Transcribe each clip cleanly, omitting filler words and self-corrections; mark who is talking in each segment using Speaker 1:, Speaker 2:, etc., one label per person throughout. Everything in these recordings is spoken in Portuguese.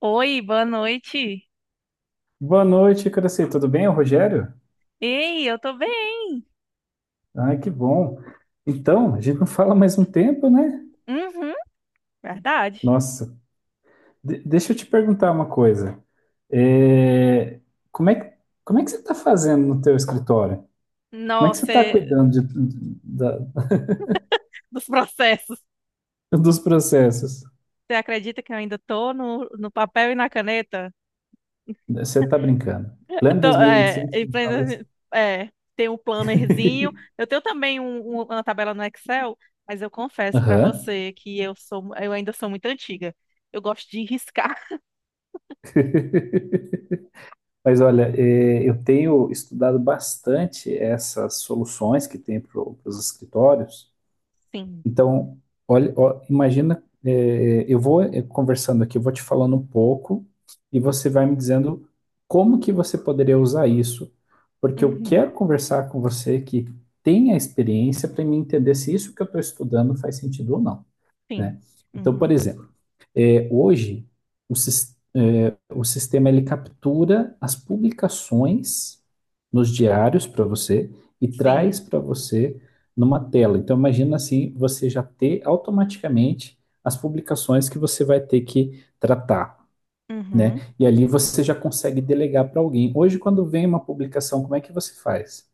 Speaker 1: Oi, boa noite.
Speaker 2: Boa noite, Cresci. Tudo bem? É o Rogério?
Speaker 1: Ei, eu tô bem.
Speaker 2: Ah, que bom. Então, a gente não fala mais um tempo, né?
Speaker 1: Uhum, verdade.
Speaker 2: Nossa, deixa eu te perguntar uma coisa. É, Como é que, como é que você está fazendo no teu escritório? Como é que você
Speaker 1: Nossa,
Speaker 2: está
Speaker 1: é-
Speaker 2: cuidando
Speaker 1: dos processos.
Speaker 2: dos processos?
Speaker 1: Você acredita que eu ainda tô no papel e na caneta?
Speaker 2: Você está brincando.
Speaker 1: Eu
Speaker 2: Plano
Speaker 1: Tô, é,
Speaker 2: 2025, você me fala isso?
Speaker 1: empreende- é, tem um plannerzinho. Eu tenho também uma tabela no Excel, mas eu confesso pra
Speaker 2: Aham.
Speaker 1: você que eu ainda sou muito antiga. Eu gosto de riscar.
Speaker 2: Mas olha, eu tenho estudado bastante essas soluções que tem para os escritórios.
Speaker 1: Sim.
Speaker 2: Então, olha, ó, imagina, eu vou conversando aqui, eu vou te falando um pouco e você vai me dizendo como que você poderia usar isso, porque eu
Speaker 1: Uhum,
Speaker 2: quero conversar com você, que tem a experiência, para me entender se isso que eu estou estudando faz sentido ou não,
Speaker 1: sim.
Speaker 2: né? Então, por
Speaker 1: Uhum,
Speaker 2: exemplo, hoje, o sistema ele captura as publicações nos diários para você e traz
Speaker 1: sim.
Speaker 2: para você numa tela. Então, imagina assim, você já ter automaticamente as publicações que você vai ter que tratar,
Speaker 1: Uhum.
Speaker 2: né? E ali você já consegue delegar para alguém. Hoje, quando vem uma publicação, como é que você faz?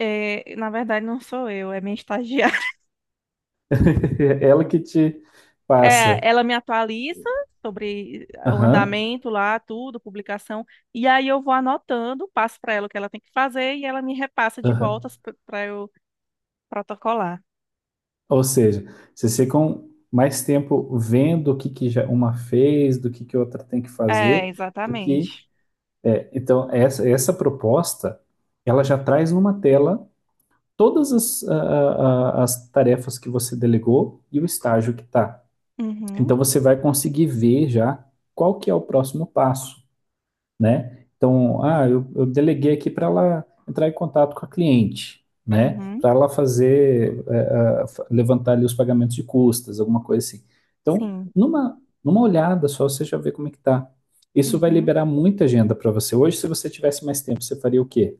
Speaker 1: É, na verdade, não sou eu, é minha estagiária.
Speaker 2: É ela que te
Speaker 1: É,
Speaker 2: passa.
Speaker 1: ela me atualiza sobre o
Speaker 2: Aham,
Speaker 1: andamento lá, tudo, publicação, e aí eu vou anotando, passo para ela o que ela tem que fazer e ela me repassa de
Speaker 2: aham.
Speaker 1: voltas para eu protocolar.
Speaker 2: Ou seja, vocês ficam mais tempo vendo o que, que já uma fez, do que outra tem que
Speaker 1: É,
Speaker 2: fazer, do que.
Speaker 1: exatamente.
Speaker 2: Então, essa proposta, ela já traz numa tela todas as, as tarefas que você delegou e o estágio que está.
Speaker 1: Uhum,
Speaker 2: Então, você vai conseguir ver já qual que é o próximo passo, né? Então, ah, eu deleguei aqui para ela entrar em contato com a cliente, né?
Speaker 1: uhum,
Speaker 2: Para ela fazer, levantar ali os pagamentos de custas, alguma coisa assim. Então,
Speaker 1: sim.
Speaker 2: numa olhada só, você já vê como é que tá. Isso vai
Speaker 1: Uhum.
Speaker 2: liberar muita agenda para você. Hoje, se você tivesse mais tempo, você faria o quê?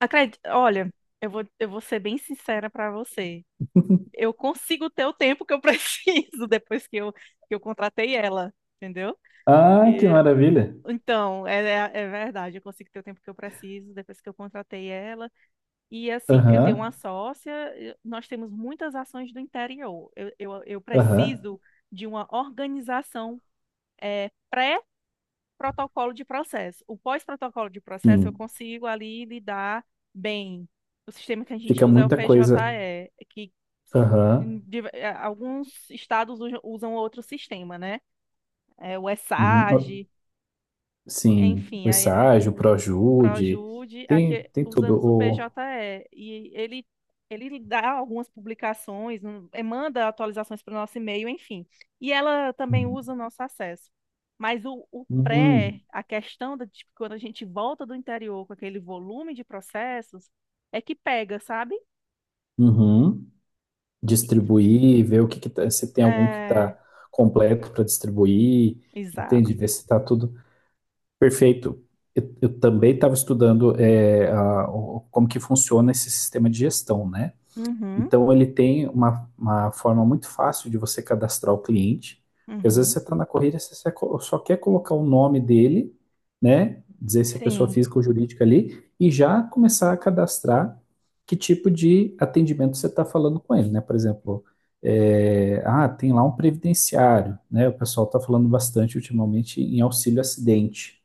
Speaker 1: Acredito, olha, eu vou ser bem sincera para você. Eu consigo ter o tempo que eu preciso depois que eu contratei ela, entendeu?
Speaker 2: Ah, que
Speaker 1: E
Speaker 2: maravilha!
Speaker 1: então, é, é é verdade, eu consigo ter o tempo que eu preciso depois que eu contratei ela. E assim, eu tenho
Speaker 2: Aham,
Speaker 1: uma sócia, nós temos muitas ações do interior. Eu
Speaker 2: aham,
Speaker 1: preciso de uma organização eh, pré-protocolo de processo. O pós-protocolo de processo eu
Speaker 2: sim.
Speaker 1: consigo ali lidar bem. O sistema que a gente
Speaker 2: Fica
Speaker 1: usa é o
Speaker 2: muita coisa.
Speaker 1: PJE, que
Speaker 2: Aham,
Speaker 1: alguns estados usam outro sistema, né? É, o
Speaker 2: uhum, ah,
Speaker 1: ESAG,
Speaker 2: sim. O
Speaker 1: enfim, aí é
Speaker 2: estágio, o ProJude,
Speaker 1: Projude,
Speaker 2: tem,
Speaker 1: aqui
Speaker 2: tem tudo.
Speaker 1: usamos o
Speaker 2: O,
Speaker 1: PJE, e ele dá algumas publicações, manda atualizações para o nosso e-mail, enfim. E ela também usa
Speaker 2: uhum.
Speaker 1: o nosso acesso. Mas o pré,
Speaker 2: Uhum.
Speaker 1: a questão de tipo, quando a gente volta do interior com aquele volume de processos, é que pega, sabe?
Speaker 2: Uhum. Distribuir, ver o que que tá, se tem algum que
Speaker 1: É,
Speaker 2: está completo para distribuir,
Speaker 1: exato.
Speaker 2: entende? Ver se está tudo perfeito. Eu também estava estudando como que funciona esse sistema de gestão, né?
Speaker 1: Uhum,
Speaker 2: Então, ele tem uma forma muito fácil de você cadastrar o cliente. Porque às vezes
Speaker 1: uhum,
Speaker 2: você está na corrida, você só quer colocar o nome dele, né? Dizer se é pessoa
Speaker 1: sim.
Speaker 2: física ou jurídica ali, e já começar a cadastrar que tipo de atendimento você está falando com ele, né? Por exemplo, tem lá um previdenciário, né? O pessoal está falando bastante ultimamente em auxílio acidente,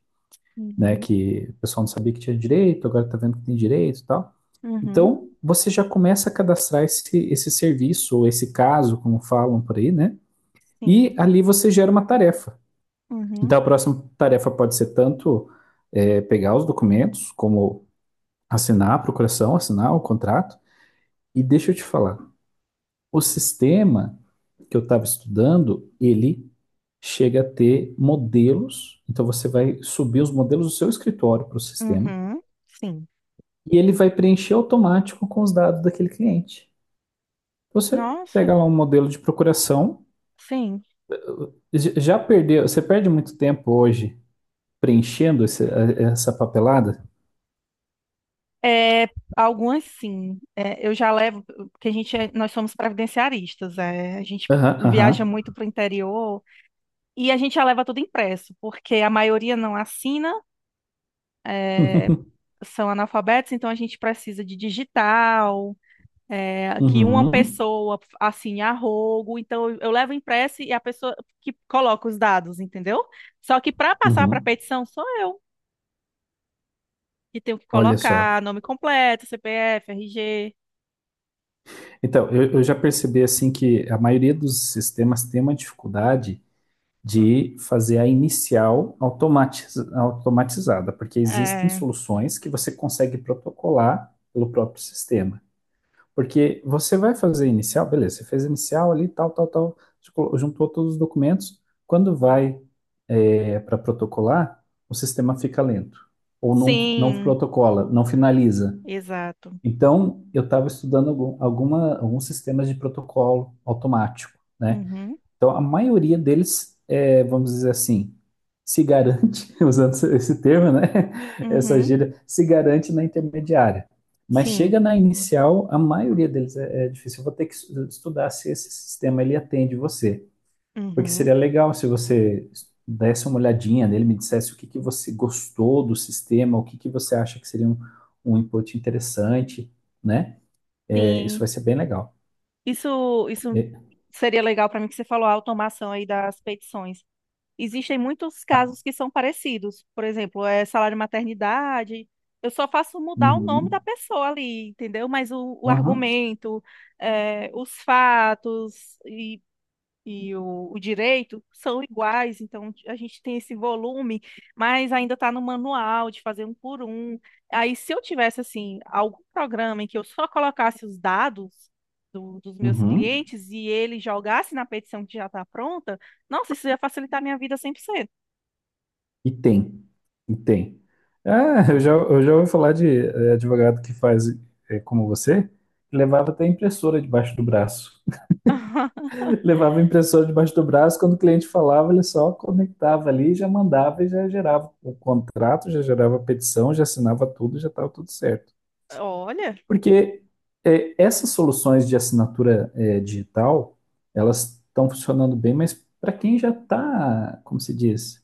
Speaker 2: né?
Speaker 1: Uhum,
Speaker 2: Que o pessoal não sabia que tinha direito, agora está vendo que tem direito e tal.
Speaker 1: uhum,
Speaker 2: Então, você já começa a cadastrar esse serviço, ou esse caso, como falam por aí, né? E
Speaker 1: sim.
Speaker 2: ali você gera uma tarefa.
Speaker 1: Uhum,
Speaker 2: Então, a próxima tarefa pode ser tanto pegar os documentos, como assinar a procuração, assinar o contrato. E deixa eu te falar, o sistema que eu estava estudando, ele chega a ter modelos. Então, você vai subir os modelos do seu escritório para o sistema
Speaker 1: uhum, sim.
Speaker 2: e ele vai preencher automático com os dados daquele cliente. Você
Speaker 1: Nossa,
Speaker 2: pega lá um modelo de procuração,
Speaker 1: sim.
Speaker 2: você perde muito tempo hoje preenchendo essa papelada?
Speaker 1: É, algumas sim. É, eu já levo, porque nós somos previdenciaristas, é, a gente
Speaker 2: Aham, aham.
Speaker 1: viaja muito para o interior e a gente já leva tudo impresso, porque a maioria não assina, é, são analfabetos, então a gente precisa de digital, é, que uma
Speaker 2: Uhum,
Speaker 1: pessoa assine a rogo, então eu levo impresso e a pessoa que coloca os dados, entendeu? Só que para passar para
Speaker 2: uhum.
Speaker 1: petição sou eu que tenho que
Speaker 2: Olha só.
Speaker 1: colocar nome completo, CPF, RG.
Speaker 2: Então, eu já percebi assim que a maioria dos sistemas tem uma dificuldade de fazer a inicial automatizada, porque existem soluções que você consegue protocolar pelo próprio sistema. Porque você vai fazer inicial, beleza, você fez inicial ali, tal, tal, tal, juntou todos os documentos. Quando vai para protocolar, o sistema fica lento, ou não, não
Speaker 1: Sim,
Speaker 2: protocola, não finaliza.
Speaker 1: exato.
Speaker 2: Então, eu estava estudando alguns sistemas de protocolo automático, né?
Speaker 1: Uhum,
Speaker 2: Então, a maioria deles, vamos dizer assim, se garante, usando esse termo, né? Essa
Speaker 1: uhum,
Speaker 2: gíria, se garante na intermediária. Mas
Speaker 1: sim,
Speaker 2: chega na inicial, a maioria deles é difícil. Eu vou ter que estudar se esse sistema ele atende você. Porque
Speaker 1: uhum,
Speaker 2: seria legal se você desse uma olhadinha nele, me dissesse o que que você gostou do sistema, o que que você acha que seria um input interessante, né? É, isso
Speaker 1: sim.
Speaker 2: vai ser bem legal.
Speaker 1: Isso
Speaker 2: É,
Speaker 1: seria legal para mim que você falou a automação aí das petições. Existem muitos casos que são parecidos. Por exemplo, é salário maternidade. Eu só faço mudar o nome da
Speaker 2: uhum,
Speaker 1: pessoa ali, entendeu? Mas o
Speaker 2: aham,
Speaker 1: argumento, é, os fatos e o direito são iguais, então a gente tem esse volume, mas ainda está no manual de fazer um por um. Aí, se eu tivesse assim algum programa em que eu só colocasse os dados dos meus
Speaker 2: uhum.
Speaker 1: clientes e ele jogasse na petição que já está pronta, nossa, isso ia facilitar a minha vida cem por cento.
Speaker 2: E tem, e tem. Ah, eu já ouvi falar de advogado que faz, como você, que levava até impressora debaixo do braço. Levava a impressora debaixo do braço, quando o cliente falava, ele só conectava ali, já mandava e já gerava o contrato, já gerava a petição, já assinava tudo, já estava tudo certo.
Speaker 1: Olha,
Speaker 2: Porque essas soluções de assinatura digital, elas estão funcionando bem, mas para quem já está, como se diz?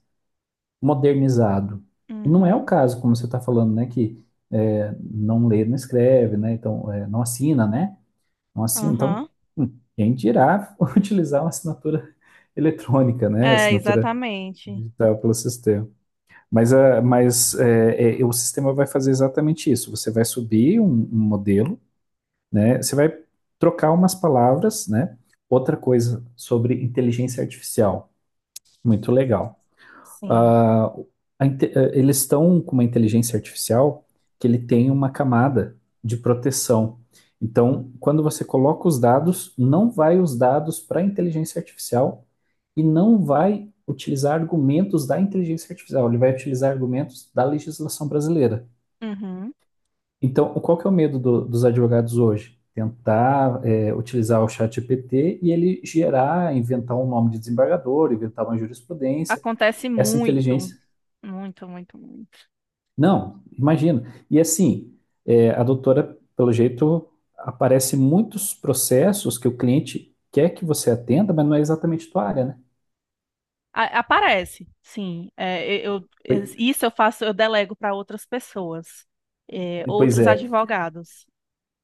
Speaker 2: Modernizado. E não é o
Speaker 1: uhum,
Speaker 2: caso, como você está falando, né, que não lê, não escreve, né, então não assina, né, não assina. Então,
Speaker 1: aham.
Speaker 2: hum, quem dirá utilizar uma assinatura eletrônica, né,
Speaker 1: É,
Speaker 2: assinatura
Speaker 1: exatamente.
Speaker 2: digital pelo sistema. Mas o sistema vai fazer exatamente isso. Você vai subir um, um modelo, né, você vai trocar umas palavras, né, outra coisa sobre inteligência artificial, muito legal.
Speaker 1: Sim.
Speaker 2: Ah, eles estão com uma inteligência artificial que ele tem uma camada de proteção. Então, quando você coloca os dados, não vai os dados para a inteligência artificial e não vai utilizar argumentos da inteligência artificial, ele vai utilizar argumentos da legislação brasileira.
Speaker 1: Uhum.
Speaker 2: Então, qual que é o medo dos advogados hoje? Tentar utilizar o chat GPT e ele gerar, inventar um nome de desembargador, inventar uma jurisprudência,
Speaker 1: Acontece
Speaker 2: essa
Speaker 1: muito,
Speaker 2: inteligência.
Speaker 1: muito, muito, muito.
Speaker 2: Não, imagino. E assim, é, a doutora, pelo jeito, aparece muitos processos que o cliente quer que você atenda, mas não é exatamente tua área, né?
Speaker 1: A- Aparece, sim.
Speaker 2: Pois
Speaker 1: Isso eu faço, eu delego para outras pessoas, é, outros
Speaker 2: é,
Speaker 1: advogados.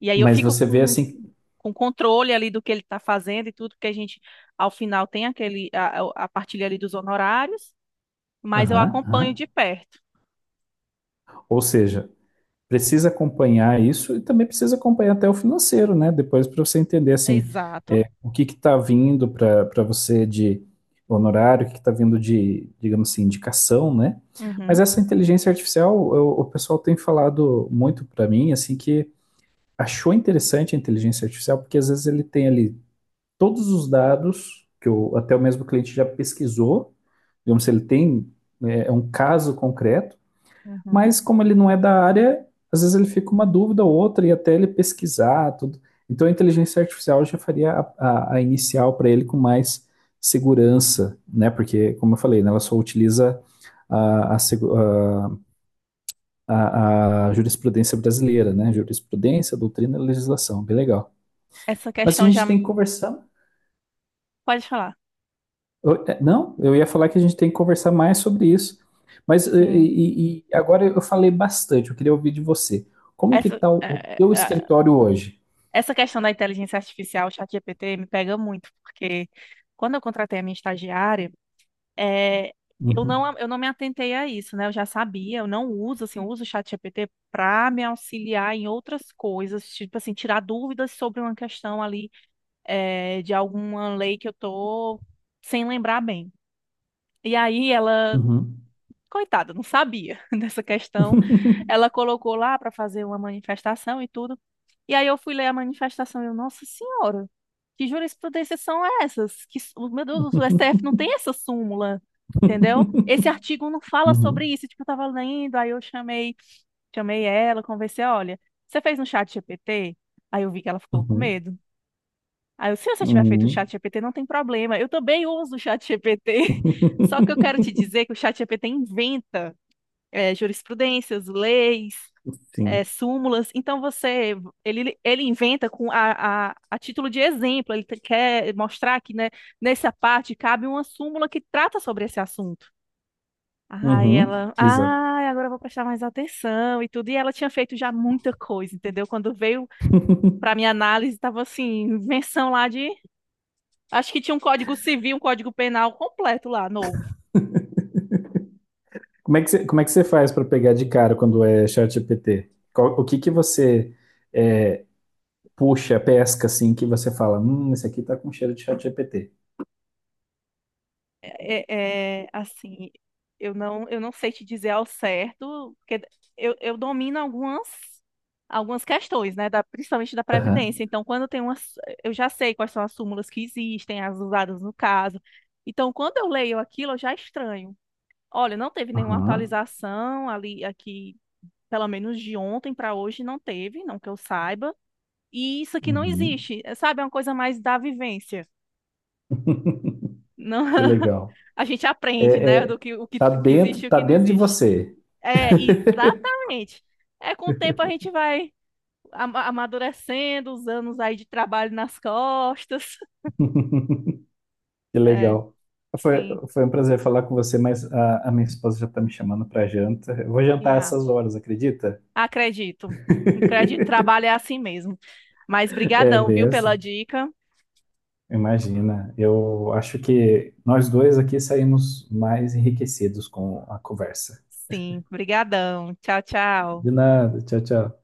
Speaker 1: E aí eu
Speaker 2: mas
Speaker 1: fico
Speaker 2: você vê assim,
Speaker 1: com controle ali do que ele está fazendo e tudo, porque a gente, ao final, tem aquele, a partilha ali dos honorários, mas eu
Speaker 2: aham,
Speaker 1: acompanho
Speaker 2: aham.
Speaker 1: de perto.
Speaker 2: Ou seja, precisa acompanhar isso e também precisa acompanhar até o financeiro, né? Depois para você entender assim,
Speaker 1: Exato.
Speaker 2: o que está vindo para você de honorário, o que está vindo de, digamos assim, indicação, né? Mas
Speaker 1: Uhum,
Speaker 2: essa inteligência artificial, o pessoal tem falado muito para mim, assim, que achou interessante a inteligência artificial, porque às vezes ele tem ali todos os dados que o, até o mesmo cliente já pesquisou, digamos, se ele tem um caso concreto,
Speaker 1: uhum.
Speaker 2: mas como ele não é da área, às vezes ele fica uma dúvida ou outra e até ele pesquisar tudo. Então a inteligência artificial já faria a inicial para ele com mais segurança, né? Porque, como eu falei, né, ela só utiliza a segu- a jurisprudência brasileira, né? Jurisprudência, doutrina, e legislação, bem legal.
Speaker 1: Essa
Speaker 2: Mas a
Speaker 1: questão já.
Speaker 2: gente tem que conversar.
Speaker 1: Pode falar.
Speaker 2: Não, eu ia falar que a gente tem que conversar mais sobre isso. Mas e,
Speaker 1: Sim.
Speaker 2: e- e agora eu falei bastante, eu queria ouvir de você. Como que
Speaker 1: Essa,
Speaker 2: está
Speaker 1: é,
Speaker 2: o teu
Speaker 1: é,
Speaker 2: escritório hoje?
Speaker 1: essa questão da inteligência artificial, o ChatGPT, me pega muito, porque quando eu contratei a minha estagiária, é,
Speaker 2: Uhum,
Speaker 1: eu não me atentei a isso, né? Eu já sabia, eu não uso, assim, eu uso o ChatGPT para me auxiliar em outras coisas, tipo assim, tirar dúvidas sobre uma questão ali, é, de alguma lei que eu tô sem lembrar bem. E aí ela
Speaker 2: uhum.
Speaker 1: coitada, não sabia dessa questão. Ela colocou lá para fazer uma manifestação e tudo. E aí eu fui ler a manifestação e eu, nossa senhora, que jurisprudências são essas? Meu Deus, o STF não tem essa súmula, entendeu? Esse artigo não fala sobre
Speaker 2: Uhum,
Speaker 1: isso. Tipo, eu tava lendo, aí eu chamei ela, conversei, olha, você fez um chat GPT? Aí eu vi que ela ficou com
Speaker 2: uhum,
Speaker 1: medo. Aí eu, se você tiver feito um chat
Speaker 2: uhum.
Speaker 1: GPT, não tem problema. Eu também uso o chat GPT. Só que eu quero te dizer que o chat GPT inventa é, jurisprudências, leis, é,
Speaker 2: Sim.
Speaker 1: súmulas. Então você, ele inventa com a título de exemplo. Quer mostrar que, né, nessa parte cabe uma súmula que trata sobre esse assunto. Aí
Speaker 2: Uhum,
Speaker 1: ela,
Speaker 2: exato.
Speaker 1: ah, agora eu vou prestar mais atenção e tudo. E ela tinha feito já muita coisa, entendeu? Quando veio para minha análise, estava assim, invenção lá de, acho que tinha um código civil, um código penal completo lá, novo.
Speaker 2: Como é que você, como é que você faz para pegar de cara quando é ChatGPT? O que que você é, puxa, pesca, assim, que você fala, esse aqui tá com cheiro de ChatGPT?
Speaker 1: É, é, assim, eu não sei te dizer ao certo, porque eu domino algumas, algumas questões, né, da, principalmente da Previdência.
Speaker 2: Aham,
Speaker 1: Então, quando tem umas, eu já sei quais são as súmulas que existem, as usadas no caso. Então, quando eu leio aquilo, eu já estranho. Olha, não teve nenhuma
Speaker 2: aham,
Speaker 1: atualização ali, aqui, pelo menos de ontem para hoje, não teve, não que eu saiba. E isso aqui não
Speaker 2: uhum.
Speaker 1: existe, é, sabe? É uma coisa mais da vivência. Não,
Speaker 2: Que legal.
Speaker 1: a gente aprende,
Speaker 2: É,
Speaker 1: né, do
Speaker 2: é,
Speaker 1: que o que existe e o
Speaker 2: tá
Speaker 1: que não
Speaker 2: dentro de
Speaker 1: existe.
Speaker 2: você.
Speaker 1: É, exatamente. É com o tempo a gente vai amadurecendo, os anos aí de trabalho nas costas.
Speaker 2: Que
Speaker 1: É,
Speaker 2: legal. Foi,
Speaker 1: sim.
Speaker 2: foi um prazer falar com você, mas a minha esposa já tá me chamando pra janta. Eu vou
Speaker 1: E
Speaker 2: jantar
Speaker 1: Yeah.
Speaker 2: essas horas, acredita?
Speaker 1: Acredito. Acredito, trabalho é assim mesmo. Mas
Speaker 2: É
Speaker 1: brigadão,
Speaker 2: bem
Speaker 1: viu, pela
Speaker 2: assim.
Speaker 1: dica.
Speaker 2: Imagina. Eu acho que nós dois aqui saímos mais enriquecidos com a conversa.
Speaker 1: Sim, brigadão. Tchau, tchau.
Speaker 2: De nada. Tchau, tchau.